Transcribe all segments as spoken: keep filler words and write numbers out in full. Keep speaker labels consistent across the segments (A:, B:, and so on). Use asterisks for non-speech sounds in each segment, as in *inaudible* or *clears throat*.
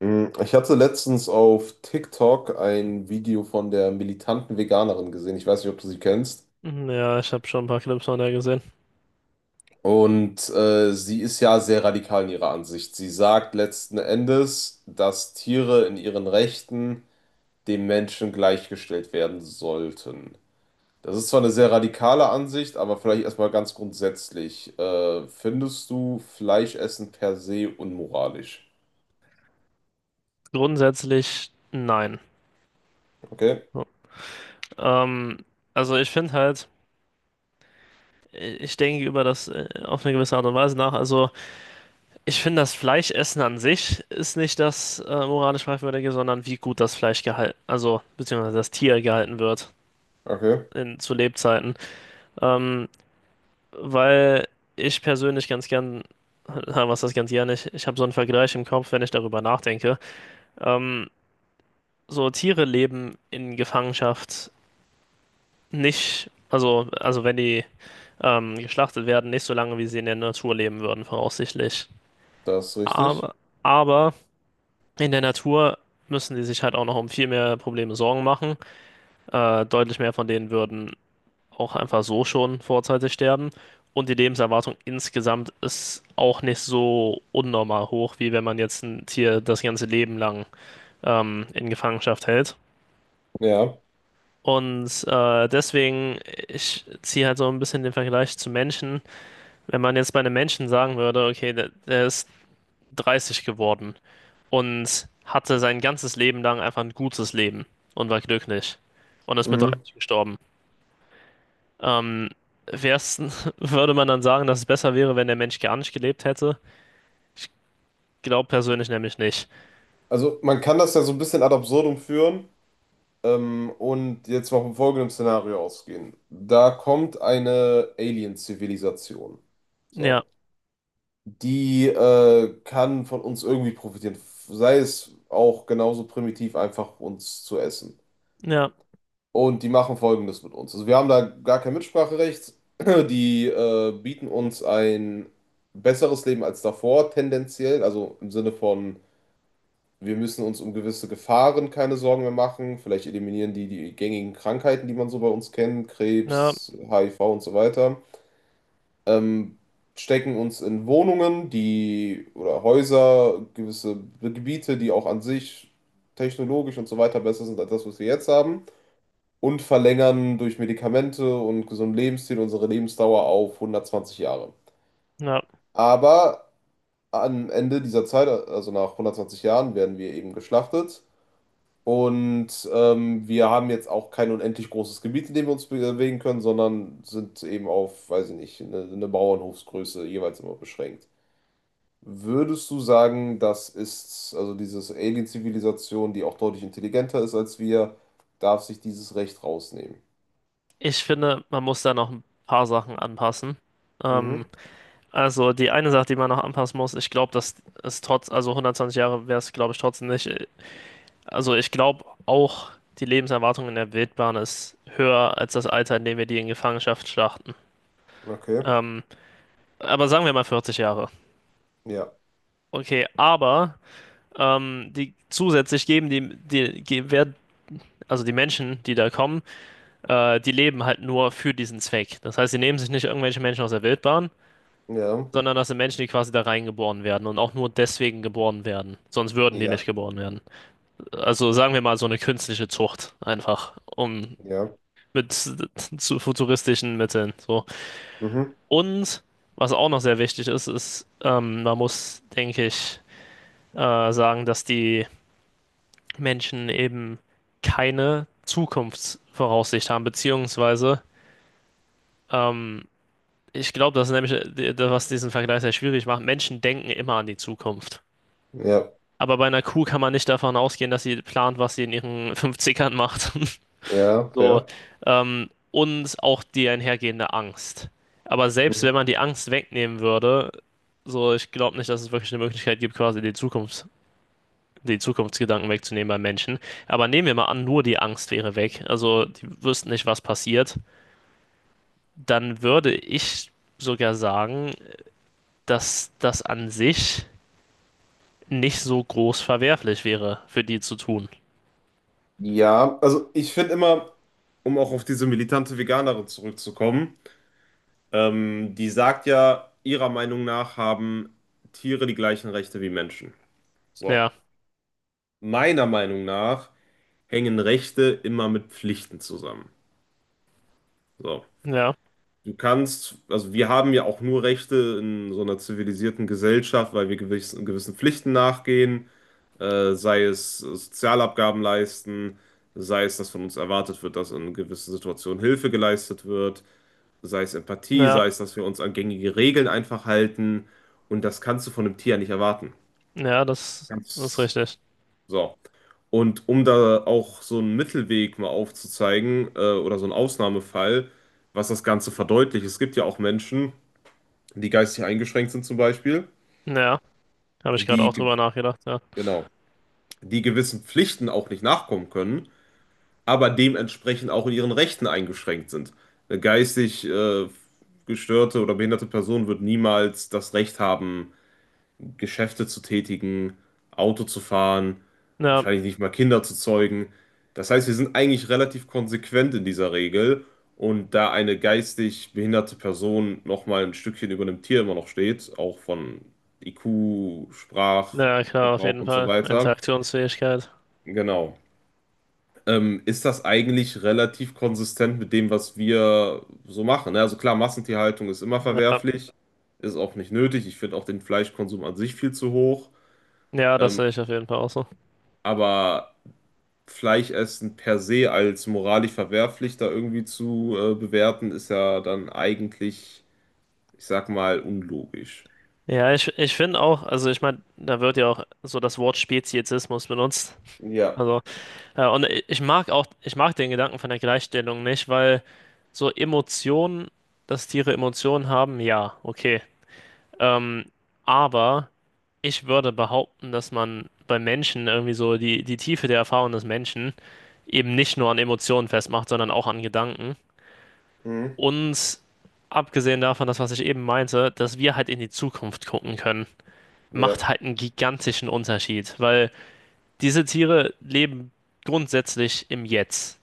A: Mm, Ich hatte letztens auf TikTok ein Video von der militanten Veganerin gesehen. Ich weiß nicht, ob du sie kennst.
B: Hm, Ja, ich habe schon ein paar Clips von der gesehen.
A: Und äh, sie ist ja sehr radikal in ihrer Ansicht. Sie sagt letzten Endes, dass Tiere in ihren Rechten dem Menschen gleichgestellt werden sollten. Das ist zwar eine sehr radikale Ansicht, aber vielleicht erstmal ganz grundsätzlich. Äh, findest du Fleischessen per se unmoralisch?
B: Grundsätzlich nein.
A: Okay,
B: So. Ähm, also ich finde halt, ich denke über das äh, auf eine gewisse Art und Weise nach. Also ich finde, das Fleischessen an sich ist nicht das äh, moralisch fragwürdige, sondern wie gut das Fleisch gehalten, also beziehungsweise das Tier gehalten wird
A: okay,
B: in, zu Lebzeiten. Ähm, weil ich persönlich ganz gern, na, was das ganz gern nicht, ich habe so einen Vergleich im Kopf, wenn ich darüber nachdenke. Ähm, so Tiere leben in Gefangenschaft nicht, also, also wenn die ähm, geschlachtet werden, nicht so lange, wie sie in der Natur leben würden, voraussichtlich.
A: das ist richtig.
B: Aber, aber in der Natur müssen die sich halt auch noch um viel mehr Probleme Sorgen machen. Äh, deutlich mehr von denen würden auch einfach so schon vorzeitig sterben. Und die Lebenserwartung insgesamt ist auch nicht so unnormal hoch, wie wenn man jetzt ein Tier das ganze Leben lang ähm, in Gefangenschaft hält.
A: Ja.
B: Und äh, deswegen, ich ziehe halt so ein bisschen den Vergleich zu Menschen. Wenn man jetzt bei einem Menschen sagen würde, okay, der, der ist dreißig geworden und hatte sein ganzes Leben lang einfach ein gutes Leben und war glücklich und ist mit
A: Mhm.
B: dreißig gestorben, ähm, wär's, *laughs* würde man dann sagen, dass es besser wäre, wenn der Mensch gar nicht gelebt hätte? Ich glaube persönlich nämlich nicht.
A: Also man kann das ja so ein bisschen ad absurdum führen ähm, und jetzt mal vom folgenden Szenario ausgehen. Da kommt eine Alien-Zivilisation.
B: Ja,
A: So. Die äh, kann von uns irgendwie profitieren. Sei es auch genauso primitiv, einfach uns zu essen.
B: ja,
A: Und die machen Folgendes mit uns. Also wir haben da gar kein Mitspracherecht. *clears throat* Die äh, bieten uns ein besseres Leben als davor, tendenziell. Also im Sinne von, wir müssen uns um gewisse Gefahren keine Sorgen mehr machen. Vielleicht eliminieren die die gängigen Krankheiten, die man so bei uns kennt,
B: ja,
A: Krebs, H I V und so weiter. Ähm, stecken uns in Wohnungen, die oder Häuser, gewisse Gebiete, die auch an sich technologisch und so weiter besser sind als das, was wir jetzt haben. Und verlängern durch Medikamente und gesunden Lebensstil unsere Lebensdauer auf hundertzwanzig Jahre.
B: ja.
A: Aber am Ende dieser Zeit, also nach hundertzwanzig Jahren, werden wir eben geschlachtet. Und ähm, wir haben jetzt auch kein unendlich großes Gebiet, in dem wir uns bewegen können, sondern sind eben auf, weiß ich nicht, eine, eine Bauernhofsgröße jeweils immer beschränkt. Würdest du sagen, das ist, also diese Alien-Zivilisation, die auch deutlich intelligenter ist als wir, darf sich dieses Recht rausnehmen?
B: Ich finde, man muss da noch ein paar Sachen anpassen.
A: Mhm,
B: Ähm, also die eine Sache, die man noch anpassen muss, ich glaube, dass es trotz, also hundertzwanzig Jahre wäre es, glaube ich, trotzdem nicht. äh, Also ich glaube auch, die Lebenserwartung in der Wildbahn ist höher als das Alter, in dem wir die in Gefangenschaft schlachten.
A: okay.
B: Ähm, aber sagen wir mal vierzig Jahre.
A: Ja,
B: Okay, aber ähm, die zusätzlich geben die, die ge- werden, also die Menschen, die da kommen, äh, die leben halt nur für diesen Zweck. Das heißt, sie nehmen sich nicht irgendwelche Menschen aus der Wildbahn,
A: ja,
B: sondern das sind Menschen, die quasi da reingeboren werden und auch nur deswegen geboren werden. Sonst würden die nicht
A: ja,
B: geboren werden. Also sagen wir mal so eine künstliche Zucht einfach, um
A: ja,
B: mit zu futuristischen Mitteln. So.
A: mhm,
B: Und was auch noch sehr wichtig ist, ist, ähm, man muss, denke ich, äh, sagen, dass die Menschen eben keine Zukunftsvoraussicht haben, beziehungsweise ähm, ich glaube, das ist nämlich, das, was diesen Vergleich sehr schwierig macht. Menschen denken immer an die Zukunft.
A: ja,
B: Aber bei einer Kuh kann man nicht davon ausgehen, dass sie plant, was sie in ihren fünfzigern macht. *laughs*
A: ja,
B: So,
A: fair.
B: ähm, und auch die einhergehende Angst. Aber selbst wenn
A: Mhm.
B: man die Angst wegnehmen würde, so, ich glaube nicht, dass es wirklich eine Möglichkeit gibt, quasi die Zukunft, die Zukunftsgedanken wegzunehmen beim Menschen. Aber nehmen wir mal an, nur die Angst wäre weg, also die wüssten nicht, was passiert, dann würde ich sogar sagen, dass das an sich nicht so groß verwerflich wäre, für die zu tun.
A: Ja, also ich finde immer, um auch auf diese militante Veganerin zurückzukommen, Ähm, die sagt ja, ihrer Meinung nach haben Tiere die gleichen Rechte wie Menschen. So.
B: Ja,
A: Meiner Meinung nach hängen Rechte immer mit Pflichten zusammen. So.
B: ja,
A: Du kannst, also wir haben ja auch nur Rechte in so einer zivilisierten Gesellschaft, weil wir gewissen, gewissen Pflichten nachgehen, äh, sei es Sozialabgaben leisten, sei es, dass von uns erwartet wird, dass in gewissen Situationen Hilfe geleistet wird, sei es Empathie,
B: ja,
A: sei es, dass wir uns an gängige Regeln einfach halten. Und das kannst du von einem Tier ja nicht erwarten.
B: ja, das, das ist
A: Ganz
B: richtig.
A: so. Und um da auch so einen Mittelweg mal aufzuzeigen, äh, oder so einen Ausnahmefall, was das Ganze verdeutlicht, es gibt ja auch Menschen, die geistig eingeschränkt sind zum Beispiel,
B: Ja, habe ich gerade
A: die,
B: auch
A: ge-
B: drüber nachgedacht, ja.
A: genau, die gewissen Pflichten auch nicht nachkommen können, aber dementsprechend auch in ihren Rechten eingeschränkt sind. Eine geistig äh, gestörte oder behinderte Person wird niemals das Recht haben, Geschäfte zu tätigen, Auto zu fahren,
B: Ja,
A: wahrscheinlich nicht mal Kinder zu zeugen. Das heißt, wir sind eigentlich relativ konsequent in dieser Regel. Und da eine geistig behinderte Person nochmal ein Stückchen über einem Tier immer noch steht, auch von I Q,
B: ja, klar, auf
A: Sprachgebrauch
B: jeden
A: und so
B: Fall.
A: weiter,
B: Interaktionsfähigkeit.
A: genau, ähm, ist das eigentlich relativ konsistent mit dem, was wir so machen, ne? Also klar, Massentierhaltung ist immer
B: Ja,
A: verwerflich, ist auch nicht nötig. Ich finde auch den Fleischkonsum an sich viel zu hoch.
B: ja, das
A: Ähm,
B: sehe ich auf jeden Fall auch so.
A: Aber Fleischessen per se als moralisch verwerflich da irgendwie zu äh, bewerten, ist ja dann eigentlich, ich sag mal, unlogisch.
B: Ja, ich, ich finde auch, also ich meine, da wird ja auch so das Wort Speziesismus benutzt.
A: Ja,
B: Also, ja, und i- ich mag auch, ich mag den Gedanken von der Gleichstellung nicht, weil so Emotionen, dass Tiere Emotionen haben, ja, okay. Ähm, aber ich würde behaupten, dass man bei Menschen irgendwie so die, die Tiefe der Erfahrung des Menschen eben nicht nur an Emotionen festmacht, sondern auch an Gedanken.
A: mhm.
B: Und abgesehen davon, das, was ich eben meinte, dass wir halt in die Zukunft gucken können,
A: Ja,
B: macht halt einen gigantischen Unterschied, weil diese Tiere leben grundsätzlich im Jetzt.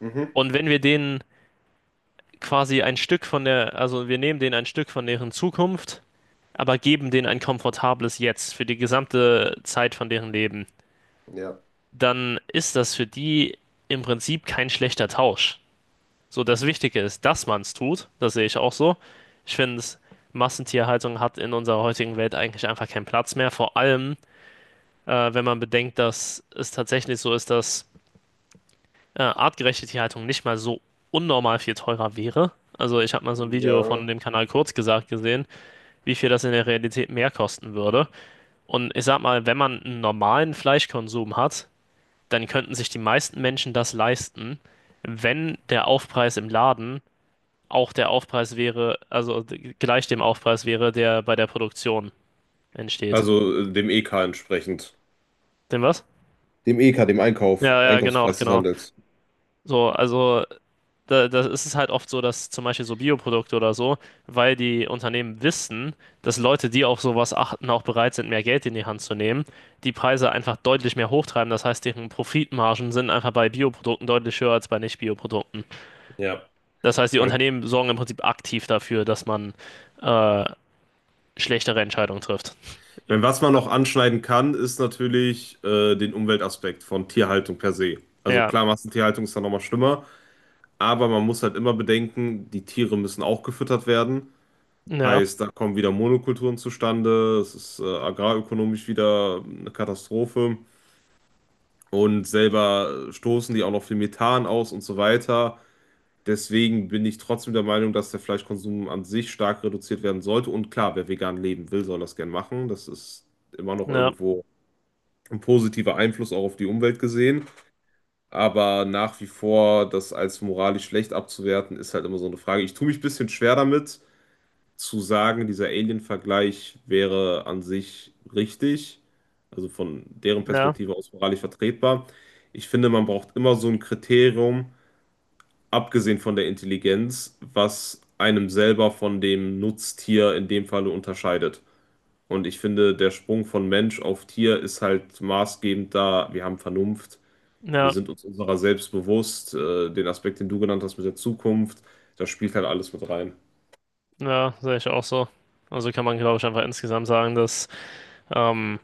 A: mhm.
B: Und wenn wir denen quasi ein Stück von der, also wir nehmen denen ein Stück von deren Zukunft, aber geben denen ein komfortables Jetzt für die gesamte Zeit von deren Leben,
A: Ja,
B: dann ist das für die im Prinzip kein schlechter Tausch. So, das Wichtige ist, dass man es tut. Das sehe ich auch so. Ich finde, Massentierhaltung hat in unserer heutigen Welt eigentlich einfach keinen Platz mehr. Vor allem, äh, wenn man bedenkt, dass es tatsächlich so ist, dass äh, artgerechte Tierhaltung nicht mal so unnormal viel teurer wäre. Also, ich habe mal so ein Video von
A: ja.
B: dem Kanal Kurz gesagt gesehen, wie viel das in der Realität mehr kosten würde. Und ich sag mal, wenn man einen normalen Fleischkonsum hat, dann könnten sich die meisten Menschen das leisten, wenn der Aufpreis im Laden auch der Aufpreis wäre, also g- gleich dem Aufpreis wäre, der bei der Produktion entsteht.
A: Also äh, dem E K entsprechend.
B: Dem was?
A: Dem E K, dem Einkauf,
B: Ja, ja, genau,
A: Einkaufspreis des
B: genau.
A: Handels.
B: So, also da, da ist es halt oft so, dass zum Beispiel so Bioprodukte oder so, weil die Unternehmen wissen, dass Leute, die auf sowas achten, auch bereit sind, mehr Geld in die Hand zu nehmen, die Preise einfach deutlich mehr hochtreiben. Das heißt, deren Profitmargen sind einfach bei Bioprodukten deutlich höher als bei Nicht-Bioprodukten.
A: Ja.
B: Das heißt, die
A: Man,
B: Unternehmen sorgen im Prinzip aktiv dafür, dass man äh, schlechtere Entscheidungen trifft.
A: ich meine, was man noch anschneiden kann, ist natürlich äh, den Umweltaspekt von Tierhaltung per se. Also
B: Ja,
A: klar, Massentierhaltung ist da nochmal schlimmer, aber man muss halt immer bedenken, die Tiere müssen auch gefüttert werden.
B: ja,
A: Heißt, da kommen wieder Monokulturen zustande, es ist äh, agrarökonomisch wieder eine Katastrophe und selber stoßen die auch noch viel Methan aus und so weiter. Deswegen bin ich trotzdem der Meinung, dass der Fleischkonsum an sich stark reduziert werden sollte. Und klar, wer vegan leben will, soll das gern machen. Das ist immer noch
B: ja,
A: irgendwo ein positiver Einfluss auch auf die Umwelt gesehen. Aber nach wie vor das als moralisch schlecht abzuwerten, ist halt immer so eine Frage. Ich tue mich ein bisschen schwer damit zu sagen, dieser Alien-Vergleich wäre an sich richtig, also von deren
B: ja,
A: Perspektive aus moralisch vertretbar. Ich finde, man braucht immer so ein Kriterium, abgesehen von der Intelligenz, was einem selber von dem Nutztier in dem Falle unterscheidet. Und ich finde, der Sprung von Mensch auf Tier ist halt maßgebend da. Wir haben Vernunft, wir
B: ja,
A: sind uns unserer selbst bewusst, äh, den Aspekt, den du genannt hast mit der Zukunft, das spielt halt alles mit rein.
B: ja, sehe ich auch so. Also kann man, glaube ich, einfach insgesamt sagen, dass ähm,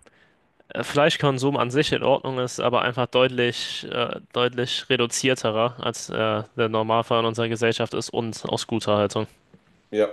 B: Fleischkonsum an sich in Ordnung ist, aber einfach deutlich, äh, deutlich reduzierterer als äh, der Normalfall in unserer Gesellschaft ist und aus guter Haltung.
A: Ja.